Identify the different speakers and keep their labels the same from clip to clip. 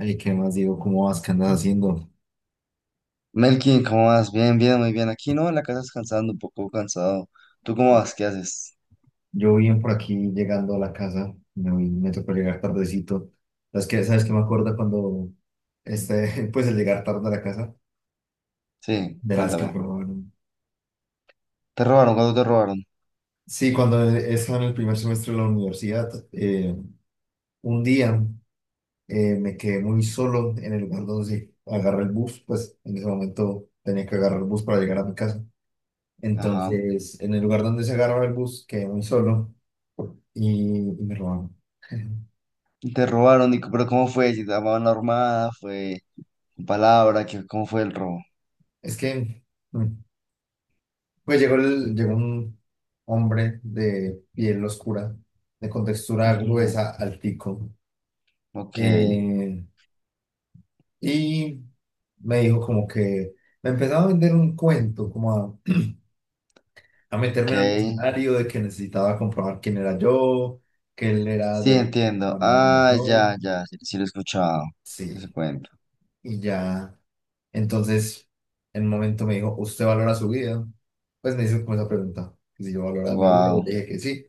Speaker 1: Ay, ¿qué más digo? ¿Cómo vas? ¿Qué andas haciendo?
Speaker 2: Melkin, ¿cómo vas? Bien, bien, muy bien. Aquí no, en la casa descansando, un poco cansado. ¿Tú cómo vas? ¿Qué haces?
Speaker 1: Yo bien por aquí llegando a la casa, me tocó llegar tardecito. ¿Sabes qué? ¿Sabes qué me acuerdo cuando, pues el llegar tarde a la casa?
Speaker 2: Sí,
Speaker 1: De las que
Speaker 2: cuéntame.
Speaker 1: probaron.
Speaker 2: ¿Te robaron? ¿Cuándo te robaron?
Speaker 1: Sí, cuando estaba en el primer semestre de la universidad, un día me quedé muy solo en el lugar donde agarré el bus, pues en ese momento tenía que agarrar el bus para llegar a mi casa.
Speaker 2: Ajá.
Speaker 1: Entonces, en el lugar donde se agarraba el bus, quedé muy solo y me robaron.
Speaker 2: ¿Te robaron? ¿Y c- pero cómo fue? ¿Si te llamaban la armada? ¿Fue con palabra? ¿Qué, cómo fue el robo?
Speaker 1: Es que, mm, pues llegó, llegó un hombre de piel oscura, de contextura
Speaker 2: Ujú.
Speaker 1: gruesa, altico,
Speaker 2: Ok,
Speaker 1: eh, y me dijo como que me empezaba a vender un cuento, como a
Speaker 2: ok.
Speaker 1: meterme en un escenario de que necesitaba comprobar quién era yo, que él era de
Speaker 2: Sí,
Speaker 1: la que
Speaker 2: entiendo.
Speaker 1: mandaba el
Speaker 2: Ah, ya,
Speaker 1: montón.
Speaker 2: ya, sí, sí lo he escuchado. Ese
Speaker 1: Sí,
Speaker 2: cuento.
Speaker 1: y ya. Entonces, en un momento me dijo, ¿usted valora su vida? Pues me hizo como esa pregunta, que si yo valoraba mi vida, yo
Speaker 2: Wow.
Speaker 1: le dije que sí.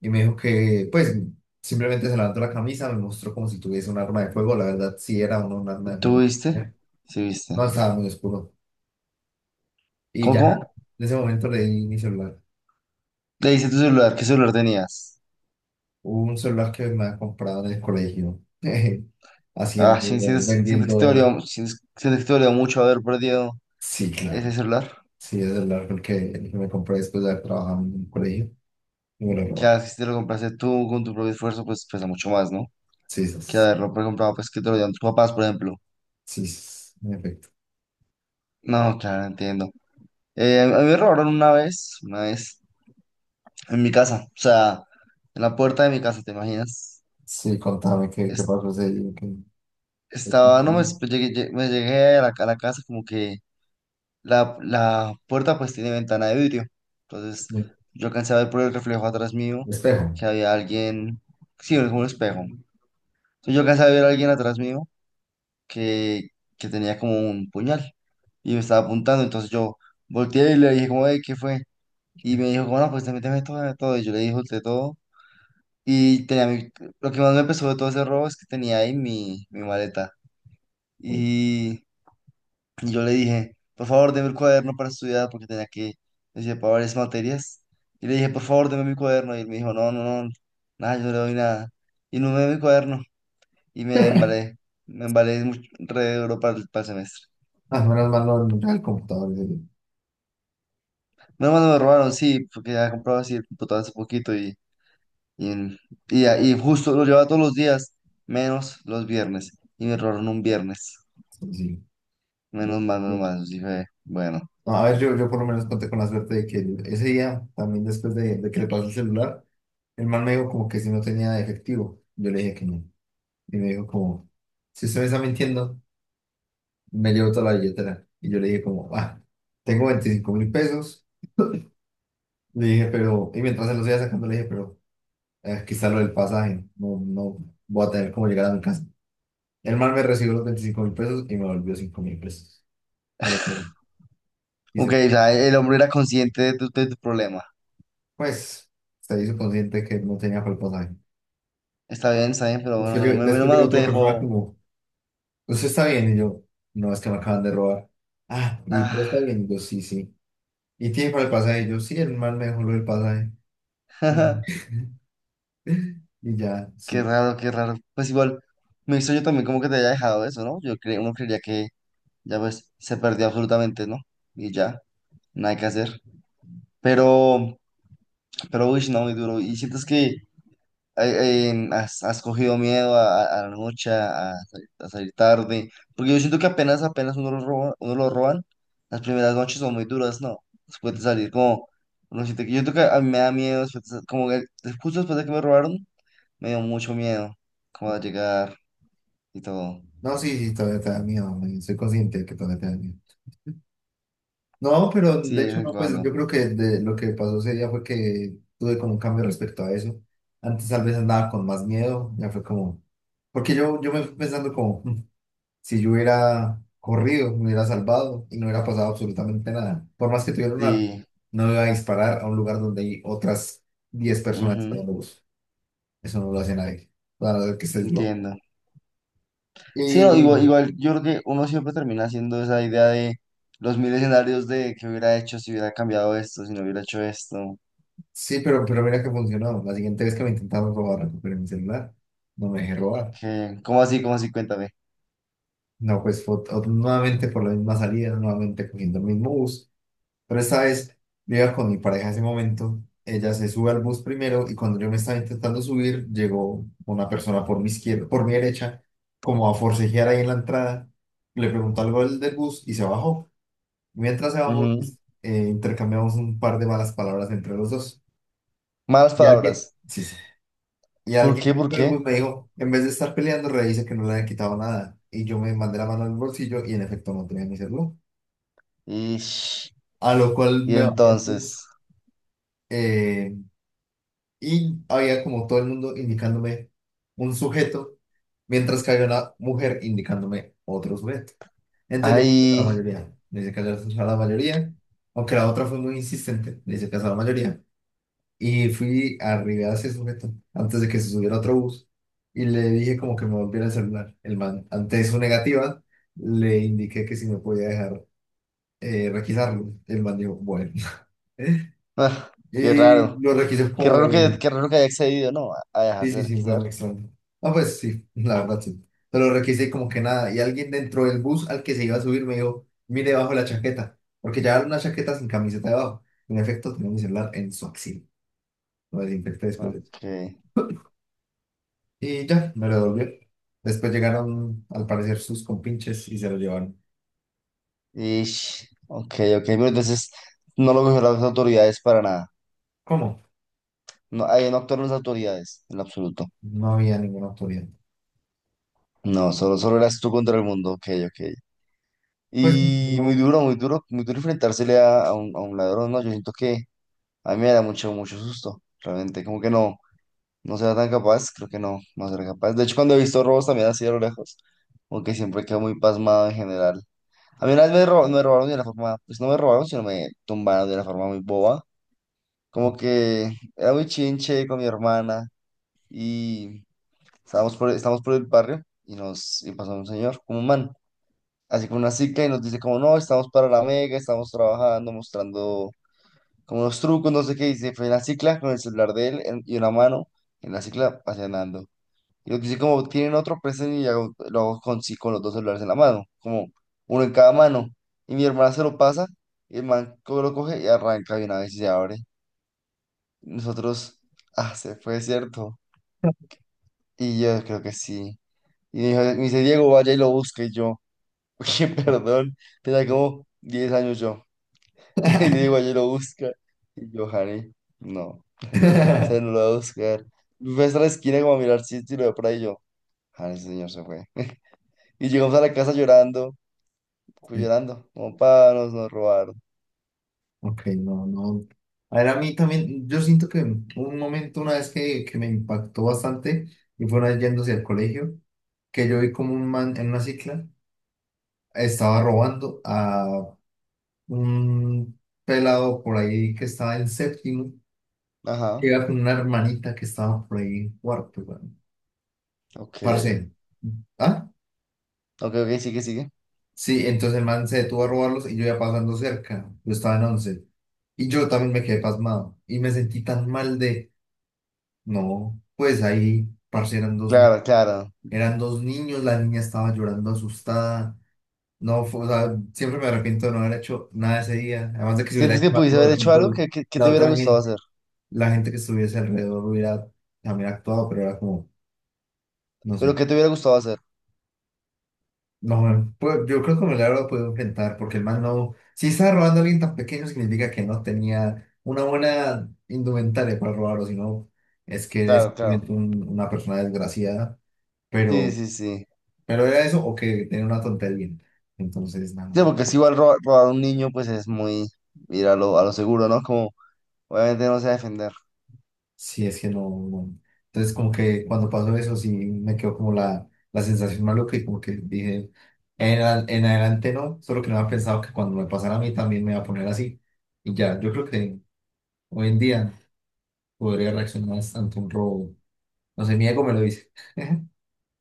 Speaker 1: Y me dijo que, pues, simplemente se levantó la camisa, me mostró como si tuviese un arma de fuego. La verdad sí era uno un arma de
Speaker 2: ¿Tú
Speaker 1: fuego.
Speaker 2: viste?
Speaker 1: ¿Eh?
Speaker 2: Sí,
Speaker 1: No
Speaker 2: viste.
Speaker 1: estaba muy oscuro. Y
Speaker 2: ¿Cómo,
Speaker 1: ya
Speaker 2: cómo?
Speaker 1: en ese momento le di mi celular,
Speaker 2: Le dice tu celular, ¿qué celular tenías?
Speaker 1: un celular que me había comprado en el colegio,
Speaker 2: Ah, sí, siento,
Speaker 1: haciendo,
Speaker 2: siento que te
Speaker 1: vendiendo,
Speaker 2: dolió, siento, siento que te dolió mucho haber perdido
Speaker 1: sí,
Speaker 2: ese
Speaker 1: claro,
Speaker 2: celular.
Speaker 1: sí, ese celular fue el que me compré después de haber trabajado en un colegio y me lo robó.
Speaker 2: Claro, que si te lo compraste tú con tu propio esfuerzo, pues pesa mucho más, ¿no?
Speaker 1: Sí, sí.
Speaker 2: Que
Speaker 1: Sí.
Speaker 2: haberlo comprado, pues que te lo dieron tus papás, por ejemplo.
Speaker 1: Sí, sí, sí, en efecto.
Speaker 2: No, claro, entiendo. A mí me robaron una vez, en mi casa, o sea, en la puerta de mi casa, ¿te imaginas?
Speaker 1: Sí, contame qué
Speaker 2: Es-
Speaker 1: pasó ese día. Qué
Speaker 2: estaba, no, me,
Speaker 1: sucedió.
Speaker 2: pues, llegué, lle- me llegué a la casa como que la puerta pues tiene ventana de vidrio. Entonces
Speaker 1: Me-
Speaker 2: yo alcancé a ver por el reflejo atrás mío
Speaker 1: Espejo.
Speaker 2: que había alguien, sí, era como un espejo. Entonces yo alcancé a ver a alguien atrás mío que, que tenía como un puñal y me estaba apuntando. Entonces yo volteé y le dije como, "Ey, ¿qué fue? Y me dijo, bueno, pues te méteme todo, dame todo". Y yo le dije, de todo. Y tenía mi, lo que más me pesó de todo ese robo es que tenía ahí mi, mi maleta. Y y yo le dije, por favor, deme el cuaderno para estudiar porque tenía que decir para varias materias. Y le dije, por favor, deme mi cuaderno. Y él me dijo, no, no, no, nada, yo no le doy nada. Y no me dio mi cuaderno. Y me embalé mucho, re duro para el semestre.
Speaker 1: Ah, menos mal no era el computador ese día.
Speaker 2: Menos mal no me robaron, sí, porque ya compraba así el computador hace poquito y, en- y, a- y justo lo llevaba todos los días, menos los viernes. Y me robaron un viernes.
Speaker 1: Sí, sí.
Speaker 2: Menos mal, menos mal. Dije, bueno.
Speaker 1: No, a ver, yo por lo menos conté con la suerte de que ese día, también después de que le pasó el celular, el man me dijo como que si no tenía efectivo. Yo le dije que no. Y me dijo como, si usted me está mintiendo, me llevo toda la billetera. Y yo le dije como, ah, tengo 25.000 pesos. Le dije, pero, y mientras se los iba sacando, le dije, pero quizá lo del pasaje, no, no voy a tener cómo llegar a mi casa. El man me recibió los 25.000 pesos y me volvió 5.000 pesos. Para que- y
Speaker 2: Ok,
Speaker 1: se,
Speaker 2: o sea, el hombre era consciente de tu problema.
Speaker 1: pues, se hizo consciente que no tenía para el pasaje.
Speaker 2: Está bien, pero bueno,
Speaker 1: Después,
Speaker 2: me me lo
Speaker 1: llegó
Speaker 2: no te
Speaker 1: otra persona
Speaker 2: dejó.
Speaker 1: como, ¿usted está bien? Y yo, no, es que me acaban de robar. Ah, ¿y pero está
Speaker 2: Ah,
Speaker 1: bien? Y yo, sí, sí. ¿Y tiene para el pasaje? Y yo, sí, el man me dejó lo del pasaje. Y ya,
Speaker 2: qué
Speaker 1: sí.
Speaker 2: raro, qué raro. Pues igual, me hizo yo también como que te haya dejado eso, ¿no? Yo creo, uno creería que ya pues se perdió absolutamente, ¿no? Y ya, nada que hacer. Pero, pero, uy, no, muy duro. ¿Y sientes que has, has cogido miedo a la noche, a salir tarde, porque yo siento que apenas, apenas uno lo roba, uno lo roban, las primeras noches son muy duras, ¿no? Después de salir, como, uno siente que yo siento que a mí me da miedo, después de sa- como que des- justo después de que me robaron, me dio mucho miedo, como a llegar y todo.
Speaker 1: No, sí, sí, todavía te da miedo, man, soy consciente de que todavía te da miedo. No, pero
Speaker 2: Sí,
Speaker 1: de
Speaker 2: de vez
Speaker 1: hecho
Speaker 2: en
Speaker 1: no, pues yo
Speaker 2: cuando.
Speaker 1: creo que lo que pasó ese día fue que tuve como un cambio respecto a eso. Antes tal vez andaba con más miedo, ya fue como, porque yo me fui pensando como, "Si yo hubiera corrido, me hubiera salvado y no hubiera pasado absolutamente nada. Por más que tuviera un arma,
Speaker 2: Sí,
Speaker 1: no me iba a disparar a un lugar donde hay otras 10 personas
Speaker 2: ujú,
Speaker 1: esperando bus. Eso no lo hace nadie, a no ser que estés loco.
Speaker 2: entiendo. Sí, no, igual,
Speaker 1: Y
Speaker 2: igual, yo creo que uno siempre termina haciendo esa idea de los mil escenarios de qué hubiera hecho si hubiera cambiado esto, si no hubiera hecho esto.
Speaker 1: sí, pero mira que funcionó. La siguiente vez que me intentaron robar, recuperé mi celular, no me dejé robar.
Speaker 2: Que ¿cómo así? ¿Cómo así? Cuéntame.
Speaker 1: No, pues nuevamente por la misma salida, nuevamente cogiendo el mismo bus. Pero esta vez yo iba con mi pareja en ese momento. Ella se sube al bus primero y cuando yo me estaba intentando subir, llegó una persona por mi izquierda, por mi derecha, como a forcejear ahí en la entrada. Le preguntó algo del bus y se bajó. Mientras se bajó,
Speaker 2: Ujú.
Speaker 1: pues, intercambiamos un par de malas palabras entre los dos.
Speaker 2: Malas palabras.
Speaker 1: Sí, sí. Y
Speaker 2: ¿Por
Speaker 1: alguien
Speaker 2: qué? ¿Por
Speaker 1: del bus
Speaker 2: qué?
Speaker 1: me dijo, en vez de estar peleando, revise que no le hayan quitado nada. Y yo me mandé la mano al bolsillo y en efecto no tenía mi celular.
Speaker 2: Ish.
Speaker 1: A lo cual
Speaker 2: Y,
Speaker 1: me bajé el bus,
Speaker 2: entonces,
Speaker 1: eh, y había como todo el mundo indicándome un sujeto, mientras que había una mujer indicándome otro sujeto. Entonces le dije a la
Speaker 2: ay,
Speaker 1: mayoría, le dije que a la mayoría, aunque la otra fue muy insistente, le dije que a la mayoría. Y fui arriba a ese sujeto antes de que se subiera a otro bus y le dije como que me volviera el celular. El man, ante su negativa, le indiqué que si me podía dejar, requisarlo. El man dijo, bueno.
Speaker 2: ah, qué
Speaker 1: Y
Speaker 2: raro.
Speaker 1: lo requise como...
Speaker 2: Qué raro que haya accedido, ¿no? A
Speaker 1: Sí, sí,
Speaker 2: dejarse
Speaker 1: sí, fue
Speaker 2: requisar.
Speaker 1: muy extraño. Ah, pues sí, la verdad sí. Pero lo requise como que nada. Y alguien dentro del bus al que se iba a subir me dijo, mire bajo la chaqueta. Porque llevaba una chaqueta sin camiseta debajo. En efecto, tenía mi celular en su axil. Lo desinfecté después de eso.
Speaker 2: Ok.
Speaker 1: Y ya, me lo devolvió. Después llegaron, al parecer, sus compinches y se lo llevaron.
Speaker 2: Ish, ok, ok. Pero entonces no lo cogieron las autoridades para nada.
Speaker 1: ¿Cómo?
Speaker 2: No, ahí no actuaron las autoridades, en lo absoluto.
Speaker 1: No había ninguna autoridad.
Speaker 2: No, solo, solo eras tú contra el mundo. Ok, ok.
Speaker 1: Pues
Speaker 2: Y muy
Speaker 1: no.
Speaker 2: duro, muy duro, muy duro enfrentársele a un ladrón, ¿no? Yo siento que a mí me da mucho, mucho susto, realmente. Como que no, no será tan capaz, creo que no, no será capaz. De hecho, cuando he visto robos también así a lo lejos, como que siempre quedo muy pasmado en general. A mí una vez me, ro- me robaron de una forma, pues no me robaron, sino me tumbaron de una forma muy boba. Como que era muy chinche con mi hermana y estábamos por, estábamos por el barrio y nos y pasó un señor, como un man, así con una cicla y nos dice como, no, estamos para la mega, estamos trabajando, mostrando como unos trucos, no sé qué, y se fue en la cicla con el celular de él en- y una mano en la cicla paseando. Y lo que dice como, tienen otro, presten y hago- lo hago con, sí, con los dos celulares en la mano, como uno en cada mano. Y mi hermana se lo pasa, y el man co- lo coge y arranca de una vez y se abre. Nosotros, ah, se fue, ¿cierto? Y yo creo que sí. Y me dijo- me dice, Diego, vaya y lo busque. Y yo, oye, perdón, tenía como 10 años yo. Y Diego, vaya y lo busca. Y yo, Jare, no. Se lo voy a buscar. Fui hasta la esquina como a mirar si, si lo veo por ahí yo. Ah, ese señor se fue. Y llegamos a la casa llorando, pues,
Speaker 1: Sí,
Speaker 2: llorando, como para nos, nos robaron.
Speaker 1: ok, no, no. A ver, a mí también, yo siento que un momento, una vez que me impactó bastante, y fue una vez yendo hacia el colegio, que yo vi como un man en una cicla estaba robando a un pelado por ahí que estaba en séptimo, que
Speaker 2: Ajá,
Speaker 1: iba con una hermanita que estaba por ahí en cuarto, weón. Parce,
Speaker 2: ok.
Speaker 1: ¿ah?
Speaker 2: Ok, ok, sigue, sigue.
Speaker 1: Sí, entonces el man se detuvo a robarlos y yo iba pasando cerca, yo estaba en 11, y yo también me quedé pasmado, y me sentí tan mal de. No, pues ahí, parce, eran dos, ni-
Speaker 2: Claro, claro.
Speaker 1: eran dos niños, la niña estaba llorando asustada. No, o sea, siempre me arrepiento de no haber hecho nada ese día. Además de que si hubiera
Speaker 2: ¿Sientes que
Speaker 1: hecho
Speaker 2: pudiste
Speaker 1: algo, de
Speaker 2: haber hecho algo
Speaker 1: pronto
Speaker 2: que
Speaker 1: la
Speaker 2: te hubiera
Speaker 1: otra
Speaker 2: gustado
Speaker 1: gente,
Speaker 2: hacer?
Speaker 1: la gente que estuviese alrededor hubiera también actuado, pero era como, no
Speaker 2: ¿Pero
Speaker 1: sé.
Speaker 2: que te hubiera gustado hacer?
Speaker 1: No, pues yo creo que me la lo podido enfrentar, porque el man no, si estaba robando a alguien tan pequeño, significa que no tenía una buena indumentaria para robarlo, sino es que eres
Speaker 2: Claro, claro.
Speaker 1: simplemente una persona desgraciada,
Speaker 2: Sí,
Speaker 1: pero.
Speaker 2: sí, sí.
Speaker 1: Pero era eso o que tenía una tontería. Entonces,
Speaker 2: Sí,
Speaker 1: nada,
Speaker 2: porque si igual robar, robar a un niño, pues es muy ir a lo seguro, ¿no? Como obviamente no se va a defender.
Speaker 1: si es que no, no. Entonces, como que cuando pasó eso, sí me quedó como la sensación maluca y como que dije, en adelante no, solo que no había pensado que cuando me pasara a mí también me iba a poner así. Y ya, yo creo que hoy en día podría reaccionar ante un robo. No sé, mi ego me lo dice.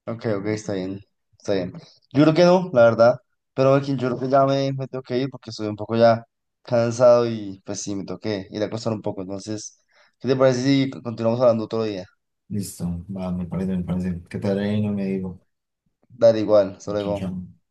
Speaker 2: Ok, ok, está bien, está bien. Yo creo que no, la verdad. Pero aquí yo creo que ya me tengo que ir porque estoy un poco ya cansado y pues sí, me tengo que ir a acostar un poco. Entonces, ¿qué te parece si continuamos hablando otro día?
Speaker 1: Listo, va, me parece, me parece. ¿Qué tal? ¿Ahí? No me digo.
Speaker 2: Dale igual, hasta
Speaker 1: Chao,
Speaker 2: luego.
Speaker 1: chao.